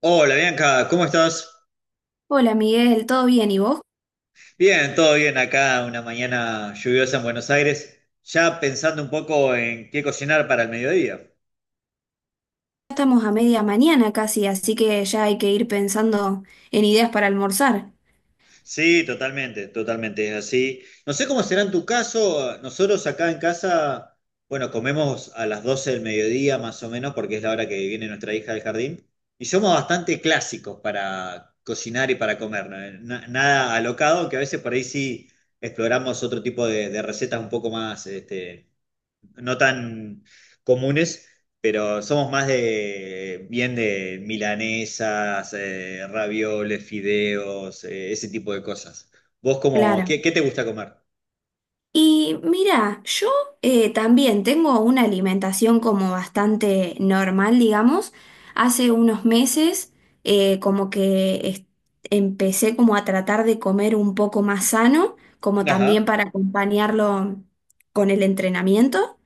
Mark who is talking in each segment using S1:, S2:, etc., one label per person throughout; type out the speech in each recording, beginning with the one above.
S1: Hola Bianca, ¿cómo estás?
S2: Hola Miguel, ¿todo bien? ¿Y vos?
S1: Bien, todo bien acá, una mañana lluviosa en Buenos Aires, ya pensando un poco en qué cocinar para el mediodía.
S2: Ya estamos a media mañana casi, así que ya hay que ir pensando en ideas para almorzar.
S1: Sí, totalmente, totalmente, es así. No sé cómo será en tu caso, nosotros acá en casa, bueno, comemos a las 12 del mediodía más o menos, porque es la hora que viene nuestra hija del jardín, y somos bastante clásicos para cocinar y para comer, ¿no? Nada alocado, que a veces por ahí sí exploramos otro tipo de recetas un poco más, no tan comunes, pero somos más de bien de milanesas, ravioles, fideos, ese tipo de cosas. ¿Vos cómo,
S2: Claro.
S1: qué te gusta comer?
S2: Y mira, yo también tengo una alimentación como bastante normal, digamos. Hace unos meses eh, como que es- empecé como a tratar de comer un poco más sano, como también
S1: Ajá.
S2: para acompañarlo con el entrenamiento.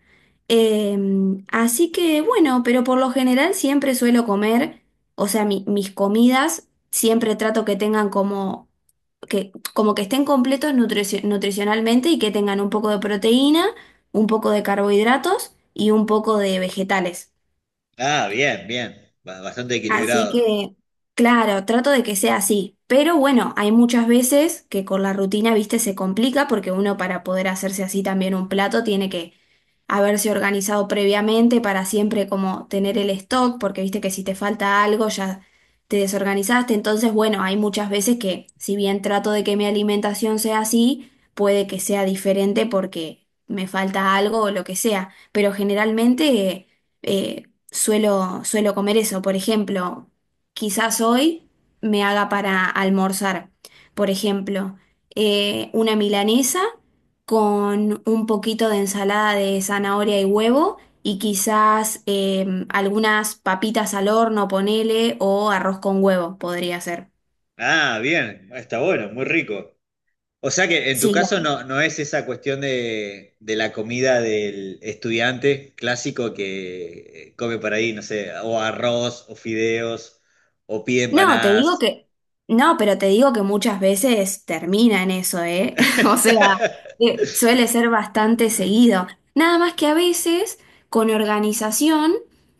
S2: Así que bueno, pero por lo general siempre suelo comer, o sea, mis comidas siempre trato que tengan como que estén completos nutricionalmente y que tengan un poco de proteína, un poco de carbohidratos y un poco de vegetales.
S1: Ah, bien, bien. Bastante
S2: Así
S1: equilibrado.
S2: que, claro, trato de que sea así. Pero bueno, hay muchas veces que con la rutina, viste, se complica porque uno para poder hacerse así también un plato tiene que haberse organizado previamente para siempre como tener el stock, porque viste que si te falta algo ya te desorganizaste. Entonces, bueno, hay muchas veces que si bien trato de que mi alimentación sea así, puede que sea diferente porque me falta algo o lo que sea. Pero generalmente... eh, suelo comer eso. Por ejemplo, quizás hoy me haga para almorzar, por ejemplo, una milanesa con un poquito de ensalada de zanahoria y huevo y quizás algunas papitas al horno, ponele, o arroz con huevo podría ser.
S1: Ah, bien. Está bueno, muy rico. O sea que en tu
S2: Sí.
S1: caso no es esa cuestión de la comida del estudiante clásico que come por ahí, no sé, o arroz, o fideos, o pide
S2: No, te digo
S1: empanadas.
S2: que, no, pero te digo que muchas veces termina en eso, ¿eh? O sea, suele ser bastante seguido. Nada más que a veces, con organización,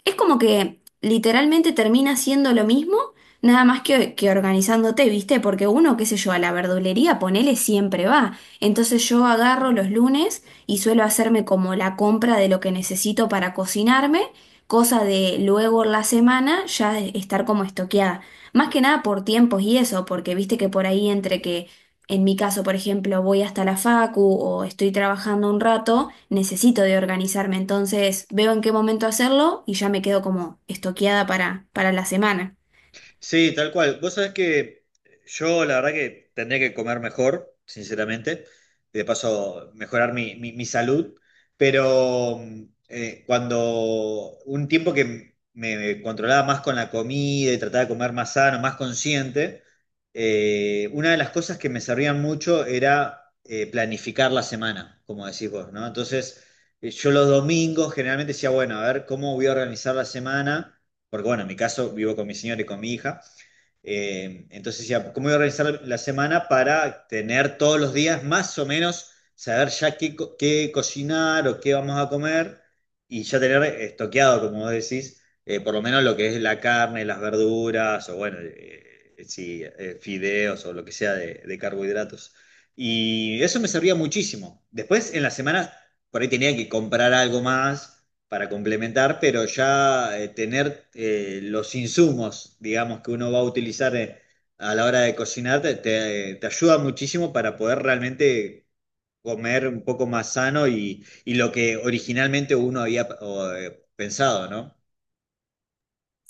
S2: es como que literalmente termina siendo lo mismo, nada más que organizándote, ¿viste? Porque uno, qué sé yo, a la verdulería, ponele, siempre va. Entonces yo agarro los lunes y suelo hacerme como la compra de lo que necesito para cocinarme, cosa de luego en la semana ya estar como estoqueada. Más que nada por tiempos y eso, porque viste que por ahí en mi caso, por ejemplo, voy hasta la facu o estoy trabajando un rato, necesito de organizarme, entonces veo en qué momento hacerlo y ya me quedo como estoqueada para la semana.
S1: Sí, tal cual. Vos sabés que yo la verdad que tendría que comer mejor, sinceramente. De paso, mejorar mi salud. Pero cuando un tiempo que me controlaba más con la comida y trataba de comer más sano, más consciente, una de las cosas que me servían mucho era planificar la semana, como decís vos, ¿no? Entonces, yo los domingos generalmente decía, bueno, a ver cómo voy a organizar la semana porque bueno, en mi caso vivo con mi señora y con mi hija, entonces decía, ¿cómo voy a organizar la semana para tener todos los días más o menos, saber ya qué, qué cocinar o qué vamos a comer y ya tener estoqueado, como vos decís, por lo menos lo que es la carne, las verduras o bueno, sí, fideos o lo que sea de carbohidratos. Y eso me servía muchísimo. Después en la semana por ahí tenía que comprar algo más para complementar, pero ya tener los insumos, digamos, que uno va a utilizar a la hora de cocinar, te ayuda muchísimo para poder realmente comer un poco más sano y lo que originalmente uno había pensado, ¿no?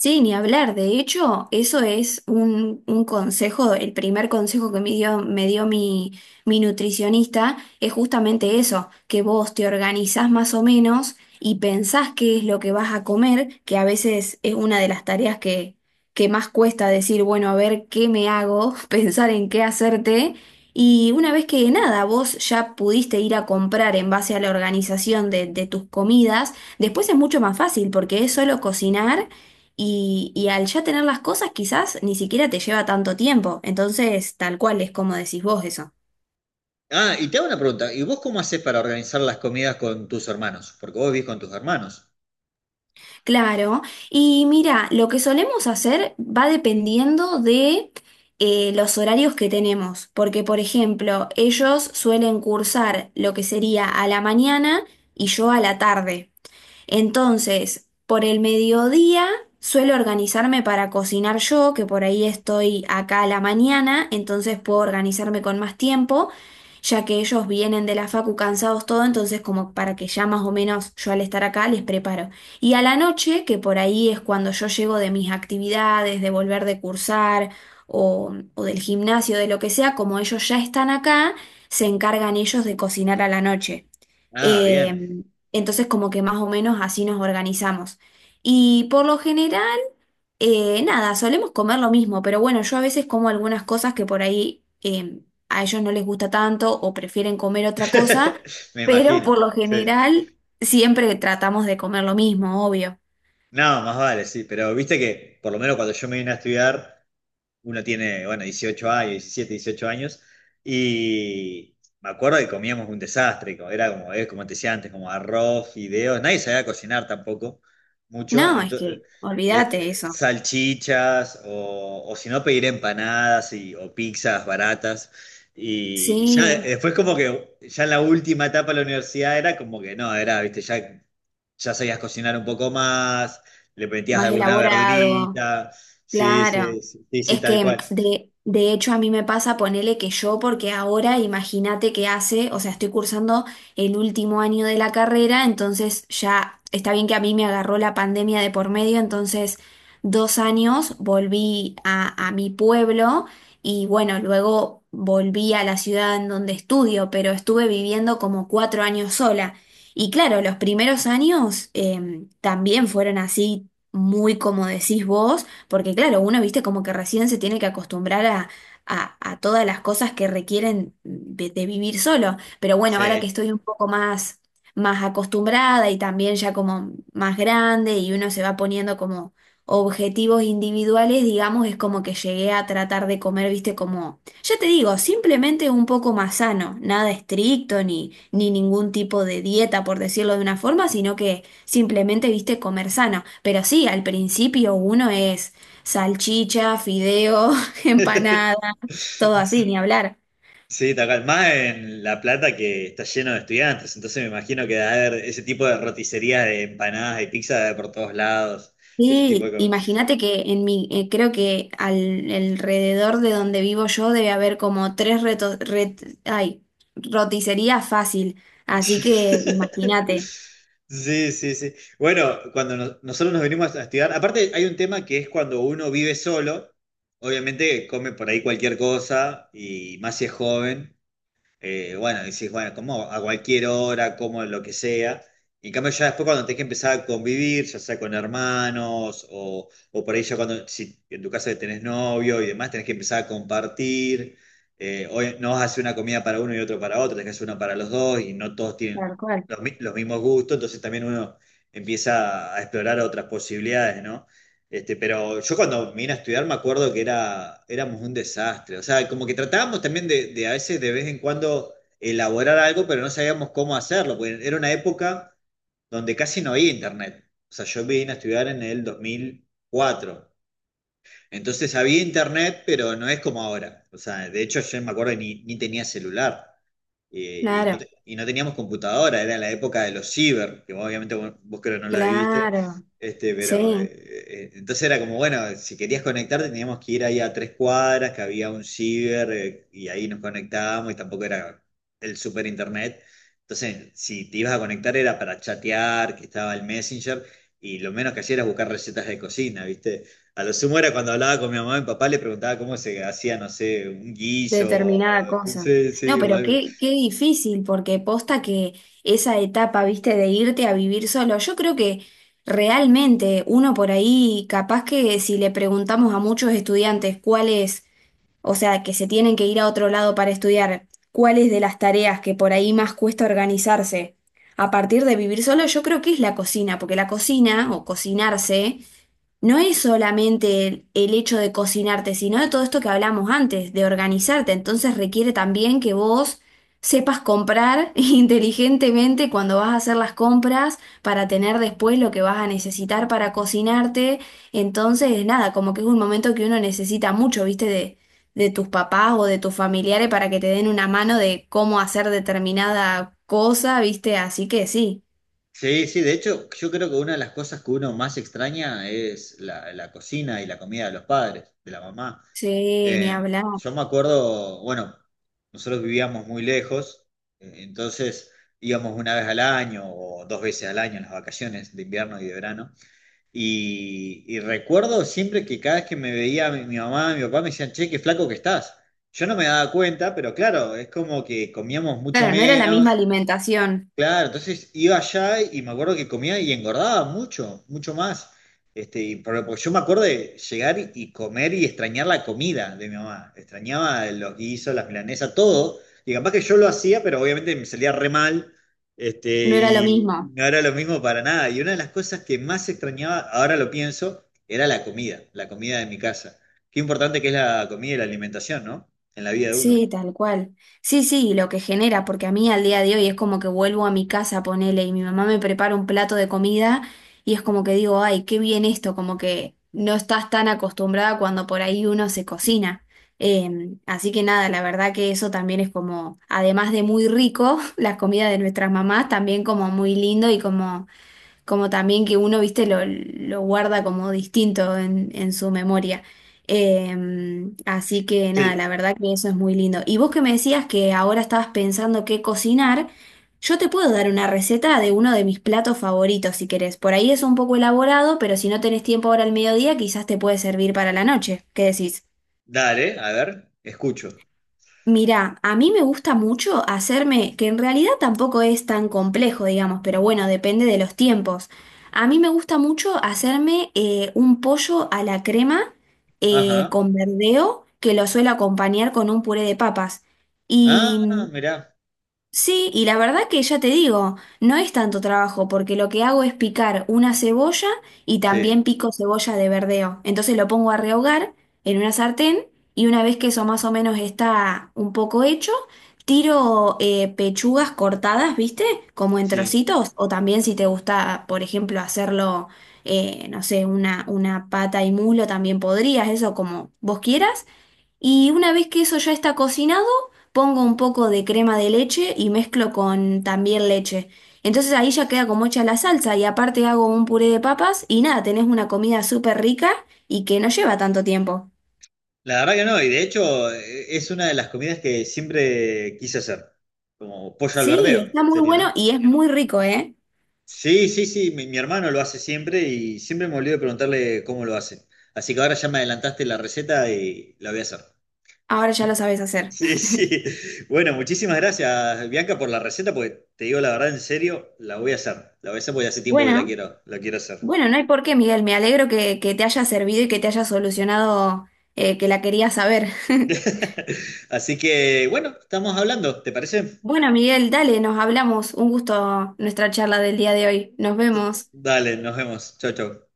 S2: Sí, ni hablar. De hecho, eso es un consejo, el primer consejo que me dio mi nutricionista es justamente eso, que vos te organizás más o menos y pensás qué es lo que vas a comer, que a veces es una de las tareas que más cuesta decir, bueno, a ver qué me hago, pensar en qué hacerte. Y una vez que nada, vos ya pudiste ir a comprar en base a la organización de tus comidas, después es mucho más fácil porque es solo cocinar y al ya tener las cosas, quizás ni siquiera te lleva tanto tiempo. Entonces, tal cual es como decís vos eso.
S1: Ah, y te hago una pregunta, ¿y vos cómo haces para organizar las comidas con tus hermanos? Porque vos vivís con tus hermanos.
S2: Claro. Y mira, lo que solemos hacer va dependiendo de los horarios que tenemos. Porque, por ejemplo, ellos suelen cursar lo que sería a la mañana y yo a la tarde. Entonces, por el mediodía suelo organizarme para cocinar yo, que por ahí estoy acá a la mañana, entonces puedo organizarme con más tiempo, ya que ellos vienen de la facu cansados todo, entonces como para que ya más o menos yo al estar acá les preparo. Y a la noche, que por ahí es cuando yo llego de mis actividades, de volver de cursar o del gimnasio, de lo que sea, como ellos ya están acá, se encargan ellos de cocinar a la noche.
S1: Ah, bien.
S2: Em, entonces como que más o menos así nos organizamos. Y por lo general, nada, solemos comer lo mismo, pero bueno, yo a veces como algunas cosas que por ahí a ellos no les gusta tanto o prefieren comer otra cosa,
S1: Me
S2: pero
S1: imagino.
S2: por lo
S1: Sí.
S2: general siempre tratamos de comer lo mismo, obvio.
S1: No, más vale, sí, pero viste que por lo menos cuando yo me vine a estudiar, uno tiene, bueno, 18 años, 17, 18 años, y me acuerdo que comíamos un desastre, era como, como te decía antes, como arroz, fideos, nadie sabía cocinar tampoco, mucho,
S2: No, es que olvídate eso.
S1: salchichas, o si no pedir empanadas y, o pizzas baratas, y ya
S2: Sí,
S1: después como que, ya en la última etapa de la universidad era como que no, era, viste, ya ya sabías cocinar un poco más, le metías
S2: más bueno,
S1: alguna
S2: elaborado.
S1: verdurita, sí,
S2: Claro,
S1: sí, sí, sí, sí,
S2: es
S1: tal
S2: que
S1: cual,
S2: de hecho a mí me pasa ponerle que yo, porque ahora imagínate que hace, o sea, estoy cursando el último año de la carrera, entonces ya está bien que a mí me agarró la pandemia de por medio, entonces 2 años volví a mi pueblo y bueno, luego volví a la ciudad en donde estudio, pero estuve viviendo como 4 años sola. Y claro, los primeros años también fueron así, muy como decís vos porque claro, uno, viste, como que recién se tiene que acostumbrar a todas las cosas que requieren de vivir solo. Pero bueno, ahora que
S1: sí.
S2: estoy un poco más, más acostumbrada y también ya como más grande y uno se va poniendo como objetivos individuales, digamos, es como que llegué a tratar de comer, viste, como, ya te digo, simplemente un poco más sano, nada estricto ni ningún tipo de dieta, por decirlo de una forma, sino que simplemente, viste, comer sano. Pero sí, al principio uno es salchicha, fideo, empanada, todo así, ni hablar.
S1: Sí, tal cual, más en La Plata que está lleno de estudiantes, entonces me imagino que debe haber ese tipo de roticerías de empanadas y pizza de por todos lados, ese tipo
S2: Sí,
S1: de...
S2: imagínate que en mi, creo que alrededor de donde vivo yo debe haber como tres roticerías fácil. Así que imagínate.
S1: Sí, sí, sí. Bueno, cuando nosotros nos venimos a estudiar, aparte hay un tema que es cuando uno vive solo, obviamente come por ahí cualquier cosa y más si es joven, bueno, decís, bueno, como a cualquier hora, como lo que sea. Y en cambio, ya después cuando tenés que empezar a convivir, ya sea con hermanos o por ahí ya cuando, si en tu caso tenés novio y demás, tenés que empezar a compartir. Hoy no vas a hacer una comida para uno y otro para otro, tenés que hacer una para los dos y no todos
S2: Tal
S1: tienen
S2: cual.
S1: los, los mismos gustos, entonces también uno empieza a explorar otras posibilidades, ¿no? Pero yo cuando vine a estudiar me acuerdo que era, éramos un desastre. O sea, como que tratábamos también de a veces de vez en cuando elaborar algo, pero no sabíamos cómo hacerlo, porque era una época donde casi no había internet. O sea, yo vine a estudiar en el 2004. Entonces había internet, pero no es como ahora. O sea, de hecho yo me acuerdo que ni tenía celular y,
S2: Claro,
S1: y no teníamos computadora, era la época de los ciber, que obviamente vos creo no la viviste,
S2: claro.
S1: pero
S2: Sí,
S1: entonces era como, bueno, si querías conectarte teníamos que ir ahí a 3 cuadras, que había un ciber, y ahí nos conectábamos, y tampoco era el super internet. Entonces, si te ibas a conectar era para chatear, que estaba el Messenger, y lo menos que hacía era buscar recetas de cocina, ¿viste? A lo sumo era cuando hablaba con mi mamá y mi papá, le preguntaba cómo se hacía, no sé, un guiso,
S2: determinada cosa.
S1: sí,
S2: No,
S1: sí, o
S2: pero
S1: algo.
S2: qué difícil, porque posta que esa etapa, viste, de irte a vivir solo, yo creo que realmente uno por ahí, capaz que si le preguntamos a muchos estudiantes cuáles, o sea, que se tienen que ir a otro lado para estudiar, cuáles de las tareas que por ahí más cuesta organizarse a partir de vivir solo, yo creo que es la cocina, porque la cocina o cocinarse no es solamente el hecho de cocinarte, sino de todo esto que hablamos antes, de organizarte. Entonces requiere también que vos sepas comprar inteligentemente cuando vas a hacer las compras para tener después lo que vas a necesitar para cocinarte. Entonces, nada, como que es un momento que uno necesita mucho, ¿viste? De tus papás o de tus familiares para que te den una mano de cómo hacer determinada cosa, ¿viste? Así que sí,
S1: Sí, sí, de hecho, yo creo que una de las cosas que uno más extraña es la cocina y la comida de los padres, de la mamá.
S2: sí, ni
S1: Eh,
S2: hablar.
S1: yo me acuerdo, bueno, nosotros vivíamos muy lejos, entonces íbamos una vez al año o dos veces al año en las vacaciones de invierno y de verano. Y recuerdo siempre que cada vez que me veía mi mamá, mi papá me decían, che, qué flaco que estás. Yo no me daba cuenta, pero claro, es como que comíamos mucho
S2: Claro, no era la misma
S1: menos.
S2: alimentación.
S1: Claro, entonces iba allá y me acuerdo que comía y engordaba mucho, mucho más. Y porque yo me acuerdo de llegar y comer y extrañar la comida de mi mamá. Extrañaba los guisos, las milanesas, todo. Y capaz que yo lo hacía, pero obviamente me salía re mal.
S2: No era lo
S1: Y
S2: mismo.
S1: no era lo mismo para nada. Y una de las cosas que más extrañaba, ahora lo pienso, era la comida de mi casa. Qué importante que es la comida y la alimentación, ¿no? En la vida de uno.
S2: Sí, tal cual. Sí, sí, y lo que genera, porque a mí al día de hoy es como que vuelvo a mi casa, ponele, y mi mamá me prepara un plato de comida y es como que digo, ay, qué bien esto, como que no estás tan acostumbrada cuando por ahí uno se cocina. Así que nada, la verdad que eso también es como, además de muy rico, la comida de nuestras mamás también como muy lindo y como como también que uno, viste, lo guarda como distinto en su memoria. Así que nada, la
S1: Sí,
S2: verdad que eso es muy lindo. Y vos que me decías que ahora estabas pensando qué cocinar, yo te puedo dar una receta de uno de mis platos favoritos si querés. Por ahí es un poco elaborado, pero si no tenés tiempo ahora al mediodía, quizás te puede servir para la noche. ¿Qué decís?
S1: dale, a ver, escucho.
S2: Mirá, a mí me gusta mucho hacerme, que en realidad tampoco es tan complejo, digamos, pero bueno, depende de los tiempos. A mí me gusta mucho hacerme un pollo a la crema
S1: Ajá.
S2: con verdeo, que lo suelo acompañar con un puré de papas.
S1: Ah,
S2: Y
S1: mirá,
S2: sí, y la verdad que ya te digo, no es tanto trabajo porque lo que hago es picar una cebolla y
S1: sí,
S2: también pico cebolla de verdeo. Entonces lo pongo a rehogar en una sartén y una vez que eso más o menos está un poco hecho, tiro pechugas cortadas, ¿viste? Como en
S1: sí.
S2: trocitos o también si te gusta, por ejemplo, hacerlo, no sé, una pata y muslo también podrías, eso como vos quieras. Y una vez que eso ya está cocinado, pongo un poco de crema de leche y mezclo con también leche. Entonces ahí ya queda como hecha la salsa y aparte hago un puré de papas y nada, tenés una comida súper rica y que no lleva tanto tiempo.
S1: La verdad que no, y de hecho es una de las comidas que siempre quise hacer, como pollo al
S2: Sí,
S1: verdeo,
S2: está muy
S1: sería,
S2: bueno
S1: ¿no?
S2: y es muy rico, ¿eh?
S1: Sí, sí, sí, mi hermano lo hace siempre y siempre me olvido de preguntarle cómo lo hace. Así que ahora ya me adelantaste la receta y la voy a hacer.
S2: Ahora ya lo sabes hacer.
S1: Sí, sí. Bueno, muchísimas gracias, Bianca, por la receta, porque te digo la verdad, en serio, la voy a hacer. La voy a hacer porque hace tiempo que
S2: Bueno,
S1: la quiero hacer.
S2: bueno, no hay por qué, Miguel. Me alegro que te haya servido y que te haya solucionado que la querías saber.
S1: Así que, bueno, estamos hablando, ¿te parece?
S2: Bueno, Miguel, dale, nos hablamos. Un gusto nuestra charla del día de hoy. Nos vemos.
S1: Dale, nos vemos. Chau, chau.